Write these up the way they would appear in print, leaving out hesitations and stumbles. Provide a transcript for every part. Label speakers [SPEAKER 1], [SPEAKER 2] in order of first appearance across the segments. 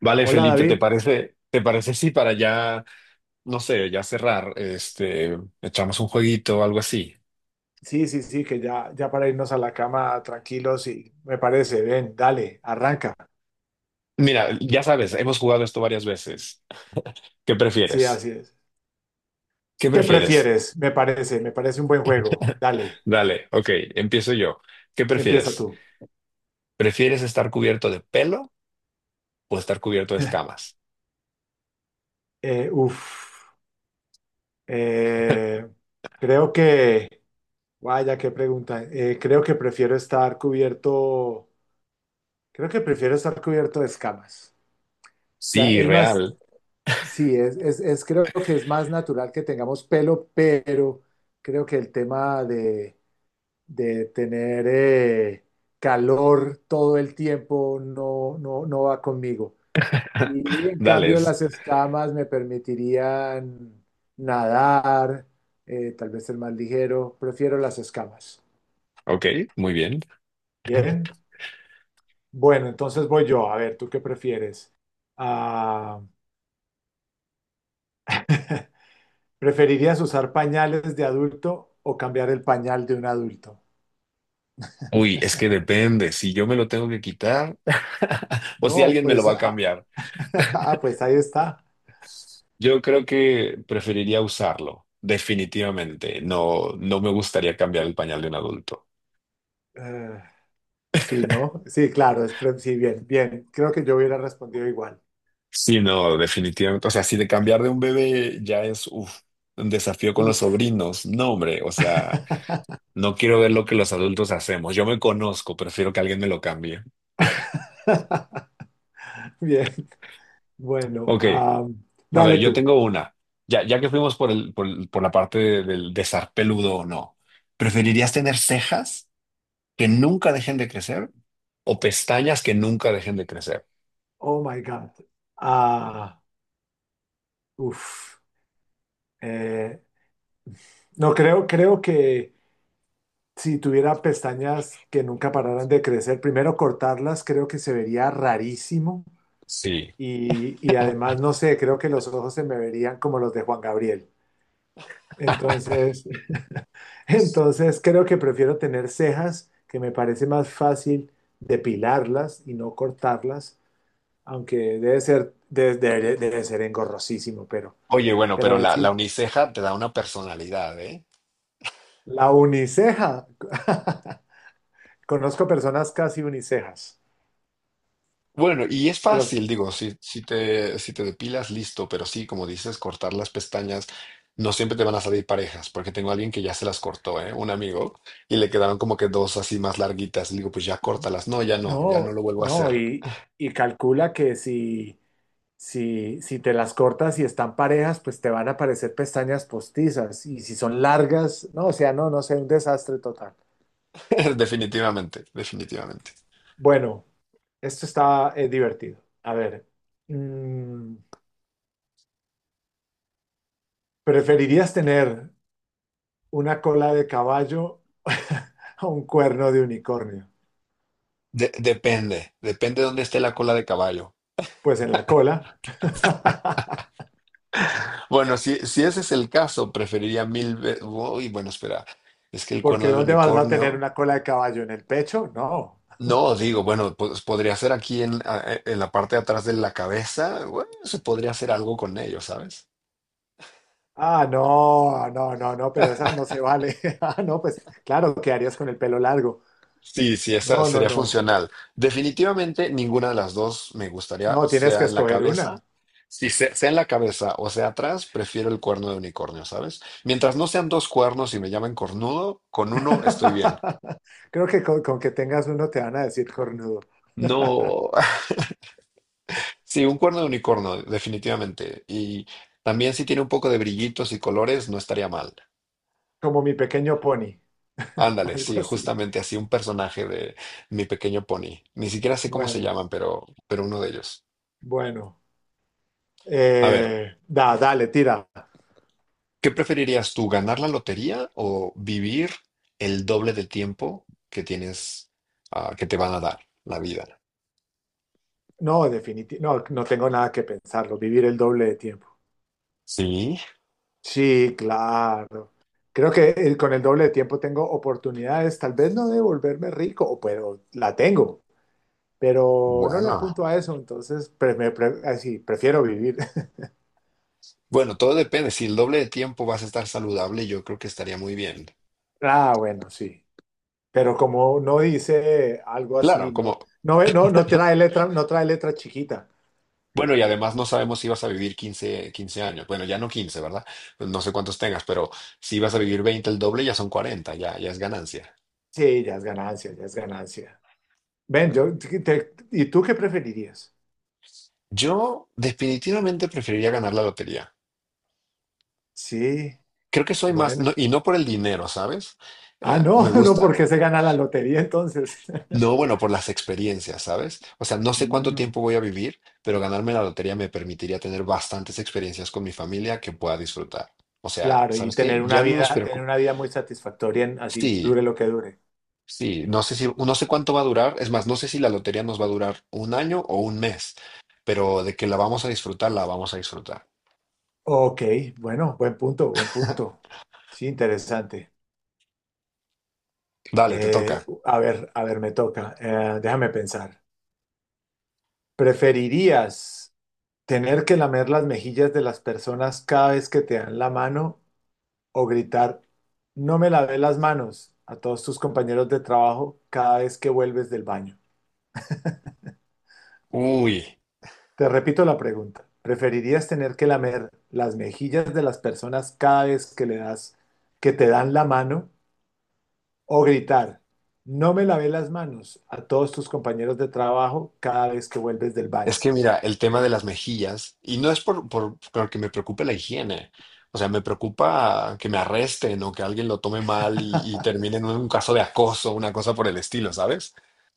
[SPEAKER 1] Vale,
[SPEAKER 2] Hola
[SPEAKER 1] Felipe, ¿te
[SPEAKER 2] David,
[SPEAKER 1] parece, te parece si para ya, no sé, ya cerrar, este, echamos un jueguito o algo así?
[SPEAKER 2] sí, sí, sí, que ya, ya para irnos a la cama tranquilos y me parece, ven, dale, arranca.
[SPEAKER 1] Mira, ya sabes, hemos jugado esto varias veces. ¿Qué
[SPEAKER 2] Sí,
[SPEAKER 1] prefieres?
[SPEAKER 2] así es.
[SPEAKER 1] ¿Qué
[SPEAKER 2] ¿Qué
[SPEAKER 1] prefieres?
[SPEAKER 2] prefieres? Me parece un buen juego. Dale,
[SPEAKER 1] Dale, ok, empiezo yo. ¿Qué
[SPEAKER 2] empieza
[SPEAKER 1] prefieres?
[SPEAKER 2] tú.
[SPEAKER 1] ¿Prefieres estar cubierto de pelo o estar cubierto de escamas?
[SPEAKER 2] Eh, uf, eh, creo que, vaya, qué pregunta. Creo que prefiero estar cubierto, creo que prefiero estar cubierto de escamas. O sea,
[SPEAKER 1] Sí,
[SPEAKER 2] es más,
[SPEAKER 1] real.
[SPEAKER 2] sí, es creo que es más natural que tengamos pelo, pero creo que el tema de tener calor todo el tiempo no, no, no va conmigo. Y en
[SPEAKER 1] Dale,
[SPEAKER 2] cambio las escamas me permitirían nadar, tal vez ser más ligero. Prefiero las escamas.
[SPEAKER 1] ok, muy bien.
[SPEAKER 2] Bien. Bueno, entonces voy yo. A ver, ¿tú qué prefieres? Ah, ¿preferirías usar pañales de adulto o cambiar el pañal de un adulto?
[SPEAKER 1] Uy, es que depende, si yo me lo tengo que quitar o si
[SPEAKER 2] No,
[SPEAKER 1] alguien me lo
[SPEAKER 2] pues,
[SPEAKER 1] va a cambiar.
[SPEAKER 2] pues ahí está.
[SPEAKER 1] Yo creo que preferiría usarlo, definitivamente. No, no me gustaría cambiar el pañal de un adulto.
[SPEAKER 2] Eh, Sí, ¿no? Sí, claro, sí, bien, bien. Creo que yo hubiera respondido igual.
[SPEAKER 1] Sí, no, definitivamente. O sea, si de cambiar de un bebé ya es uf, un desafío con los
[SPEAKER 2] Uf.
[SPEAKER 1] sobrinos, no, hombre. O sea, no quiero ver lo que los adultos hacemos. Yo me conozco, prefiero que alguien me lo cambie.
[SPEAKER 2] Bien, bueno,
[SPEAKER 1] Ok, a
[SPEAKER 2] dale
[SPEAKER 1] ver, yo
[SPEAKER 2] tú.
[SPEAKER 1] tengo una. Ya que fuimos por la parte de- del de estar peludo o no, ¿preferirías tener cejas que nunca dejen de crecer o pestañas que nunca dejen de crecer?
[SPEAKER 2] Oh my God. Ah, uf. Eh, no, creo que si tuviera pestañas que nunca pararan de crecer, primero cortarlas creo que se vería rarísimo
[SPEAKER 1] Sí.
[SPEAKER 2] y además, no sé, creo que los ojos se me verían como los de Juan Gabriel. Entonces, Entonces creo que prefiero tener cejas, que me parece más fácil depilarlas y no cortarlas, aunque debe ser, debe ser engorrosísimo,
[SPEAKER 1] Oye, bueno,
[SPEAKER 2] pero
[SPEAKER 1] pero
[SPEAKER 2] es
[SPEAKER 1] la
[SPEAKER 2] sí,
[SPEAKER 1] uniceja te da una personalidad, ¿eh?
[SPEAKER 2] la uniceja. Conozco personas casi unicejas,
[SPEAKER 1] Bueno, y es
[SPEAKER 2] pero
[SPEAKER 1] fácil, digo, si te depilas, listo, pero sí, como dices, cortar las pestañas, no siempre te van a salir parejas, porque tengo a alguien que ya se las cortó, ¿eh? Un amigo, y le quedaron como que dos así más larguitas. Le digo, pues ya córtalas. No, ya no, ya no
[SPEAKER 2] no,
[SPEAKER 1] lo vuelvo a
[SPEAKER 2] no,
[SPEAKER 1] hacer.
[SPEAKER 2] y calcula que si, si te las cortas y están parejas, pues te van a aparecer pestañas postizas, y si son largas, no, o sea, no, no sé, un desastre total.
[SPEAKER 1] Definitivamente, definitivamente.
[SPEAKER 2] Bueno. Esto está divertido. A ver, mm, ¿preferirías tener una cola de caballo o un cuerno de unicornio?
[SPEAKER 1] Depende, depende de dónde esté la cola de caballo.
[SPEAKER 2] Pues en la cola,
[SPEAKER 1] Bueno, si ese es el caso, preferiría mil veces. Uy, bueno, espera. Es que el
[SPEAKER 2] porque
[SPEAKER 1] cuerno de
[SPEAKER 2] ¿dónde vas a tener
[SPEAKER 1] unicornio.
[SPEAKER 2] una cola de caballo? ¿En el pecho? No.
[SPEAKER 1] No, digo, bueno, pues podría ser aquí en la parte de atrás de la cabeza. Bueno, se podría hacer algo con ello, ¿sabes?
[SPEAKER 2] Ah, no, no, no, no, pero esa no se vale. Ah, no, pues claro, ¿qué harías con el pelo largo?
[SPEAKER 1] Sí, sí, esa
[SPEAKER 2] No, no,
[SPEAKER 1] sería
[SPEAKER 2] no.
[SPEAKER 1] funcional. Definitivamente ninguna de las dos me gustaría,
[SPEAKER 2] No, tienes que
[SPEAKER 1] sea en la
[SPEAKER 2] escoger
[SPEAKER 1] cabeza.
[SPEAKER 2] una.
[SPEAKER 1] Si se- sea en la cabeza o sea atrás, prefiero el cuerno de unicornio, ¿sabes? Mientras no sean dos cuernos y me llamen cornudo, con uno estoy bien.
[SPEAKER 2] Creo que con que tengas uno te van a decir cornudo,
[SPEAKER 1] No. Sí, un cuerno de unicornio, definitivamente. Y también si tiene un poco de brillitos y colores, no estaría mal.
[SPEAKER 2] como mi pequeño pony,
[SPEAKER 1] Ándale,
[SPEAKER 2] algo
[SPEAKER 1] sí,
[SPEAKER 2] así.
[SPEAKER 1] justamente así un personaje de Mi Pequeño Pony. Ni siquiera sé cómo se
[SPEAKER 2] Bueno,
[SPEAKER 1] llaman, pero uno de ellos.
[SPEAKER 2] bueno.
[SPEAKER 1] A ver,
[SPEAKER 2] Dale, tira.
[SPEAKER 1] ¿qué preferirías tú, ganar la lotería o vivir el doble de tiempo que tienes, ah, que te van a dar la vida?
[SPEAKER 2] No, definitivamente, no, no tengo nada que pensarlo. Vivir el doble de tiempo.
[SPEAKER 1] Sí,
[SPEAKER 2] Sí, claro. Creo que con el doble de tiempo tengo oportunidades, tal vez no de volverme rico, o pero la tengo, pero no le
[SPEAKER 1] bueno.
[SPEAKER 2] apunto a eso, entonces así, prefiero vivir.
[SPEAKER 1] Bueno, todo depende. Si el doble de tiempo vas a estar saludable, yo creo que estaría muy bien.
[SPEAKER 2] Ah, bueno, sí. Pero como no dice algo
[SPEAKER 1] Claro,
[SPEAKER 2] así, no, no, no, no trae letra, no trae letra chiquita.
[SPEAKER 1] bueno, y además no sabemos si vas a vivir quince años. Bueno, ya no 15, ¿verdad? Pues no sé cuántos tengas, pero si vas a vivir 20, el doble ya son 40, ya, ya es ganancia.
[SPEAKER 2] Sí, ya es ganancia, ya es ganancia. Ven, yo, ¿y tú qué preferirías?
[SPEAKER 1] Yo definitivamente preferiría ganar la lotería.
[SPEAKER 2] Sí,
[SPEAKER 1] Creo que soy más,
[SPEAKER 2] bueno.
[SPEAKER 1] y no por el dinero, ¿sabes?
[SPEAKER 2] Ah,
[SPEAKER 1] Me
[SPEAKER 2] no, no, porque
[SPEAKER 1] gusta,
[SPEAKER 2] se gana la lotería entonces.
[SPEAKER 1] no, bueno, por las experiencias, ¿sabes? O sea, no sé cuánto
[SPEAKER 2] Mm,
[SPEAKER 1] tiempo voy a vivir, pero ganarme la lotería me permitiría tener bastantes experiencias con mi familia que pueda disfrutar. O sea,
[SPEAKER 2] claro, y
[SPEAKER 1] ¿sabes qué? Ya no nos
[SPEAKER 2] tener
[SPEAKER 1] preocupa.
[SPEAKER 2] una vida muy satisfactoria, así
[SPEAKER 1] Sí,
[SPEAKER 2] dure lo que dure.
[SPEAKER 1] sí, no sé cuánto va a durar, es más, no sé si la lotería nos va a durar un año o un mes, pero de que la vamos a disfrutar, la vamos a disfrutar.
[SPEAKER 2] Ok, bueno, buen punto, buen punto. Sí, interesante.
[SPEAKER 1] Dale, te toca.
[SPEAKER 2] A ver, a ver, me toca. Déjame pensar. ¿Preferirías tener que lamer las mejillas de las personas cada vez que te dan la mano o gritar, no me lavé las manos a todos tus compañeros de trabajo cada vez que vuelves del baño?
[SPEAKER 1] Uy,
[SPEAKER 2] Te repito la pregunta, ¿preferirías tener que lamer las mejillas de las personas cada vez que le das, que te dan la mano o gritar, no me lavé las manos a todos tus compañeros de trabajo cada vez que vuelves del
[SPEAKER 1] es
[SPEAKER 2] baño?
[SPEAKER 1] que mira, el tema de las mejillas, y no es por que me preocupe la higiene, o sea, me preocupa que me arresten o que alguien lo tome mal y termine en un caso de acoso, una cosa por el estilo, ¿sabes?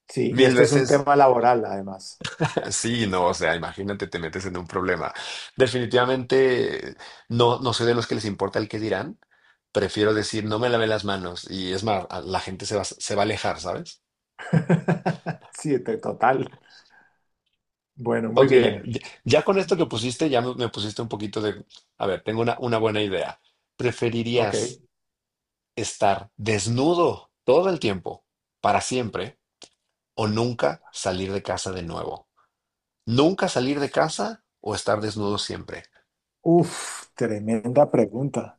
[SPEAKER 2] Sí, y
[SPEAKER 1] Mil
[SPEAKER 2] esto es un
[SPEAKER 1] veces.
[SPEAKER 2] tema laboral además.
[SPEAKER 1] Sí, no, o sea, imagínate, te metes en un problema. Definitivamente no, no soy de los que les importa el qué dirán. Prefiero decir, no me lavé las manos y es más, la gente se va a alejar, ¿sabes?
[SPEAKER 2] Sí, total. Bueno, muy
[SPEAKER 1] Ok, ya,
[SPEAKER 2] bien.
[SPEAKER 1] ya- ya con esto que pusiste, ya me pusiste un poquito de, a ver, tengo una, buena idea.
[SPEAKER 2] Ok.
[SPEAKER 1] ¿Preferirías estar desnudo todo el tiempo, para siempre, o nunca salir de casa de nuevo? ¿Nunca salir de casa o estar desnudo siempre?
[SPEAKER 2] Uf, tremenda pregunta.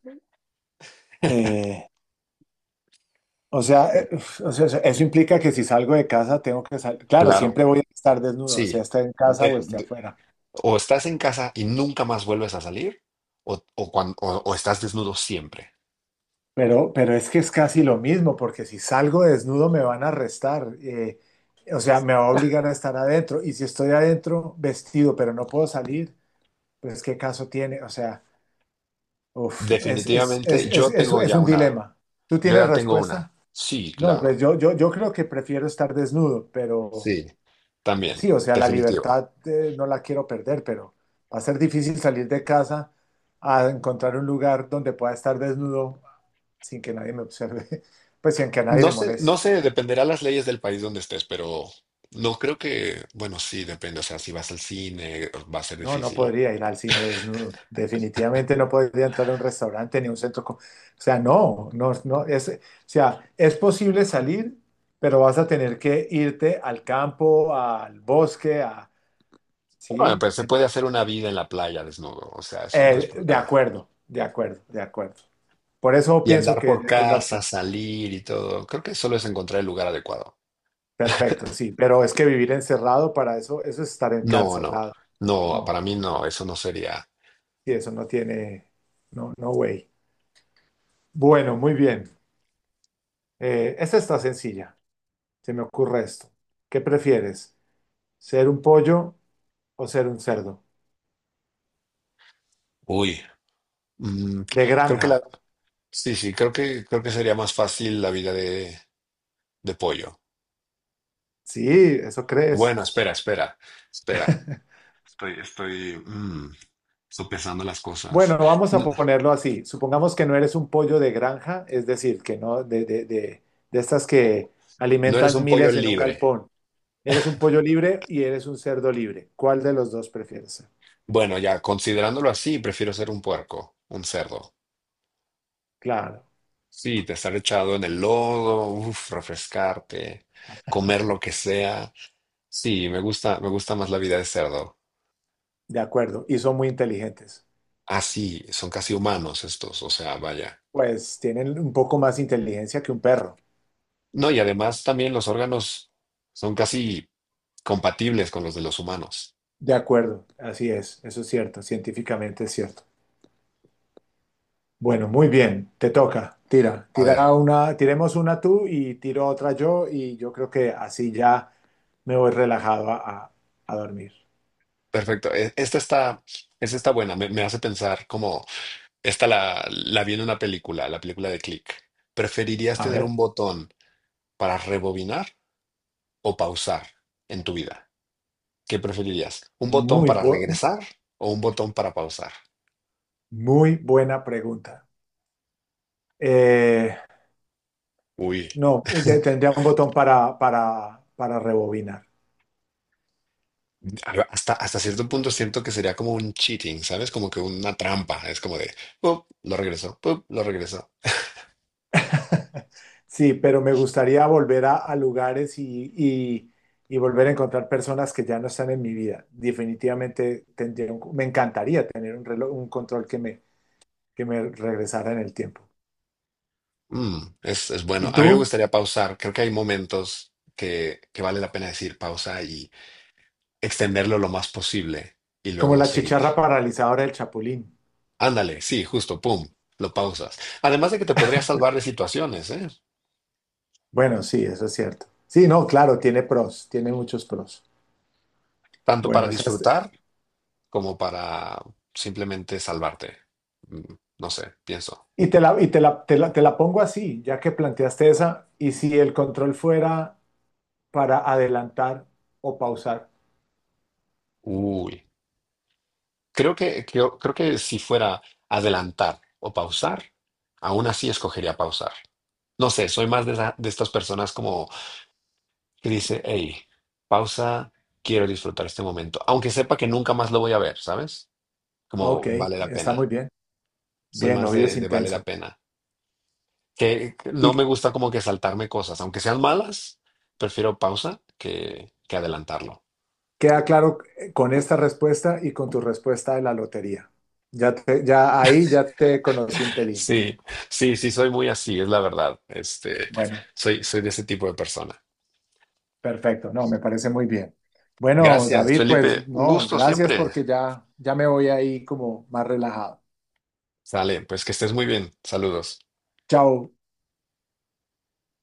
[SPEAKER 2] Eh, o sea, eh, o sea, eso implica que si salgo de casa tengo que salir. Claro,
[SPEAKER 1] Claro,
[SPEAKER 2] siempre voy a estar desnudo, sea
[SPEAKER 1] sí.
[SPEAKER 2] esté en casa o esté afuera.
[SPEAKER 1] O estás en casa y nunca más vuelves a salir, o estás desnudo siempre.
[SPEAKER 2] Pero es que es casi lo mismo, porque si salgo desnudo me van a arrestar. O sea, me va a obligar a estar adentro. Y si estoy adentro vestido, pero no puedo salir, pues ¿qué caso tiene? O sea, uf,
[SPEAKER 1] Definitivamente, yo tengo
[SPEAKER 2] es
[SPEAKER 1] ya
[SPEAKER 2] un
[SPEAKER 1] una.
[SPEAKER 2] dilema. ¿Tú
[SPEAKER 1] Yo
[SPEAKER 2] tienes
[SPEAKER 1] ya tengo
[SPEAKER 2] respuesta?
[SPEAKER 1] una. Sí,
[SPEAKER 2] No, pues
[SPEAKER 1] claro.
[SPEAKER 2] yo creo que prefiero estar desnudo, pero...
[SPEAKER 1] Sí, también.
[SPEAKER 2] Sí, o sea, la
[SPEAKER 1] Definitivo.
[SPEAKER 2] libertad no la quiero perder, pero va a ser difícil salir de casa a encontrar un lugar donde pueda estar desnudo sin que nadie me observe, pues sin que a nadie
[SPEAKER 1] No
[SPEAKER 2] le
[SPEAKER 1] sé,
[SPEAKER 2] moleste.
[SPEAKER 1] no sé, dependerá las leyes del país donde estés, pero no creo que, bueno, sí, depende. O sea, si vas al cine, va a ser
[SPEAKER 2] No, no
[SPEAKER 1] difícil.
[SPEAKER 2] podría ir al cine desnudo. Definitivamente no podría entrar a un restaurante ni a un centro. O sea, no, no, no. O sea, es posible salir, pero vas a tener que irte al campo, al bosque, a,
[SPEAKER 1] Bueno,
[SPEAKER 2] sí.
[SPEAKER 1] pero se puede hacer una vida en la playa desnudo. O sea, eso no es
[SPEAKER 2] De
[SPEAKER 1] problema.
[SPEAKER 2] acuerdo, de acuerdo, de acuerdo. Por eso
[SPEAKER 1] Y
[SPEAKER 2] pienso
[SPEAKER 1] andar
[SPEAKER 2] que
[SPEAKER 1] por
[SPEAKER 2] es la
[SPEAKER 1] casa,
[SPEAKER 2] opción.
[SPEAKER 1] salir y todo. Creo que solo es encontrar el lugar adecuado.
[SPEAKER 2] Perfecto, sí, pero es que vivir encerrado para eso, eso es estar
[SPEAKER 1] No, no,
[SPEAKER 2] encarcelado.
[SPEAKER 1] no,
[SPEAKER 2] No,
[SPEAKER 1] para mí no, eso no sería.
[SPEAKER 2] y eso no tiene, no, no way. Bueno, muy bien. Esta está sencilla. Se me ocurre esto. ¿Qué prefieres? ¿Ser un pollo o ser un cerdo?
[SPEAKER 1] Uy, mm,
[SPEAKER 2] De
[SPEAKER 1] creo que
[SPEAKER 2] granja.
[SPEAKER 1] la, sí, sí, creo que sería más fácil la vida de pollo.
[SPEAKER 2] Sí, eso crees.
[SPEAKER 1] Bueno, espera, espera, espera. Estoy, estoy, mm, Estoy pensando las cosas.
[SPEAKER 2] Bueno, vamos a
[SPEAKER 1] N-
[SPEAKER 2] ponerlo así. Supongamos que no eres un pollo de granja, es decir, que no de, de estas que
[SPEAKER 1] No eres
[SPEAKER 2] alimentan
[SPEAKER 1] un pollo
[SPEAKER 2] miles en un
[SPEAKER 1] libre.
[SPEAKER 2] galpón. Eres un pollo libre y eres un cerdo libre. ¿Cuál de los dos prefieres ser?
[SPEAKER 1] Bueno, ya considerándolo así, prefiero ser un puerco, un cerdo.
[SPEAKER 2] Claro,
[SPEAKER 1] Sí, te estar echado en el lodo, uf, refrescarte, comer lo que sea. Sí, me gusta más la vida de cerdo.
[SPEAKER 2] de acuerdo. Y son muy inteligentes.
[SPEAKER 1] Así, son casi humanos estos, o sea, vaya.
[SPEAKER 2] Pues tienen un poco más inteligencia que un perro.
[SPEAKER 1] No, y además también los órganos son casi compatibles con los de los humanos.
[SPEAKER 2] De acuerdo, así es. Eso es cierto, científicamente es cierto. Bueno, muy bien, te toca. Tira,
[SPEAKER 1] A ver,
[SPEAKER 2] tira una, tiremos una tú y tiro otra yo y yo creo que así ya me voy relajado a, a- a dormir.
[SPEAKER 1] perfecto. Esta está, buena, me hace pensar como, esta la vi en una película, la película de Click. ¿Preferirías
[SPEAKER 2] A
[SPEAKER 1] tener
[SPEAKER 2] ver,
[SPEAKER 1] un botón para rebobinar o pausar en tu vida? ¿Qué preferirías? ¿Un botón
[SPEAKER 2] muy,
[SPEAKER 1] para
[SPEAKER 2] bu-
[SPEAKER 1] regresar o un botón para pausar?
[SPEAKER 2] muy buena pregunta. Eh,
[SPEAKER 1] Uy.
[SPEAKER 2] no, tendría un botón para rebobinar.
[SPEAKER 1] Hasta cierto punto siento que sería como un cheating, ¿sabes? Como que una trampa. Es como de, "Pup, lo regreso, pup, lo regreso."
[SPEAKER 2] Sí, pero me gustaría volver a lugares y, y volver a encontrar personas que ya no están en mi vida. Definitivamente me encantaría tener un reloj, un control que me regresara en el tiempo.
[SPEAKER 1] Mm, es bueno.
[SPEAKER 2] ¿Y
[SPEAKER 1] A mí me
[SPEAKER 2] tú?
[SPEAKER 1] gustaría pausar. Creo que hay momentos que vale la pena decir pausa y extenderlo lo más posible y
[SPEAKER 2] Como
[SPEAKER 1] luego
[SPEAKER 2] la
[SPEAKER 1] seguir.
[SPEAKER 2] chicharra paralizadora del Chapulín.
[SPEAKER 1] Ándale, sí, justo, pum, lo pausas. Además de que te podría salvar de situaciones, ¿eh?
[SPEAKER 2] Bueno, sí, eso es cierto. Sí, no, claro, tiene pros, tiene muchos pros.
[SPEAKER 1] Tanto
[SPEAKER 2] Bueno,
[SPEAKER 1] para
[SPEAKER 2] esa es-
[SPEAKER 1] disfrutar como para simplemente salvarte. No sé, pienso.
[SPEAKER 2] y te la, y te la, te la, te la pongo así, ya que planteaste esa, y si el control fuera para adelantar o pausar.
[SPEAKER 1] Uy. Creo que si fuera adelantar o pausar, aún así escogería pausar. No sé, soy más de estas personas como que dice, hey, pausa, quiero disfrutar este momento, aunque sepa que nunca más lo voy a ver, ¿sabes?
[SPEAKER 2] Ok,
[SPEAKER 1] Como vale la
[SPEAKER 2] está muy
[SPEAKER 1] pena.
[SPEAKER 2] bien.
[SPEAKER 1] Soy
[SPEAKER 2] Bien,
[SPEAKER 1] más
[SPEAKER 2] obvio es
[SPEAKER 1] de, vale la
[SPEAKER 2] intenso.
[SPEAKER 1] pena. Que no me
[SPEAKER 2] Y
[SPEAKER 1] gusta como que saltarme cosas, aunque sean malas, prefiero pausa que adelantarlo.
[SPEAKER 2] queda claro con esta respuesta y con tu respuesta de la lotería. Ya ahí ya te conocí un pelín.
[SPEAKER 1] Sí, sí, sí, soy muy así, es la verdad. Este,
[SPEAKER 2] Bueno.
[SPEAKER 1] soy de ese tipo de persona.
[SPEAKER 2] Perfecto, no, me parece muy bien. Bueno,
[SPEAKER 1] Gracias,
[SPEAKER 2] David, pues
[SPEAKER 1] Felipe. Un
[SPEAKER 2] no,
[SPEAKER 1] gusto
[SPEAKER 2] gracias
[SPEAKER 1] siempre.
[SPEAKER 2] porque ya, ya me voy ahí como más relajado.
[SPEAKER 1] Sale, pues que estés muy bien. Saludos.
[SPEAKER 2] Chao.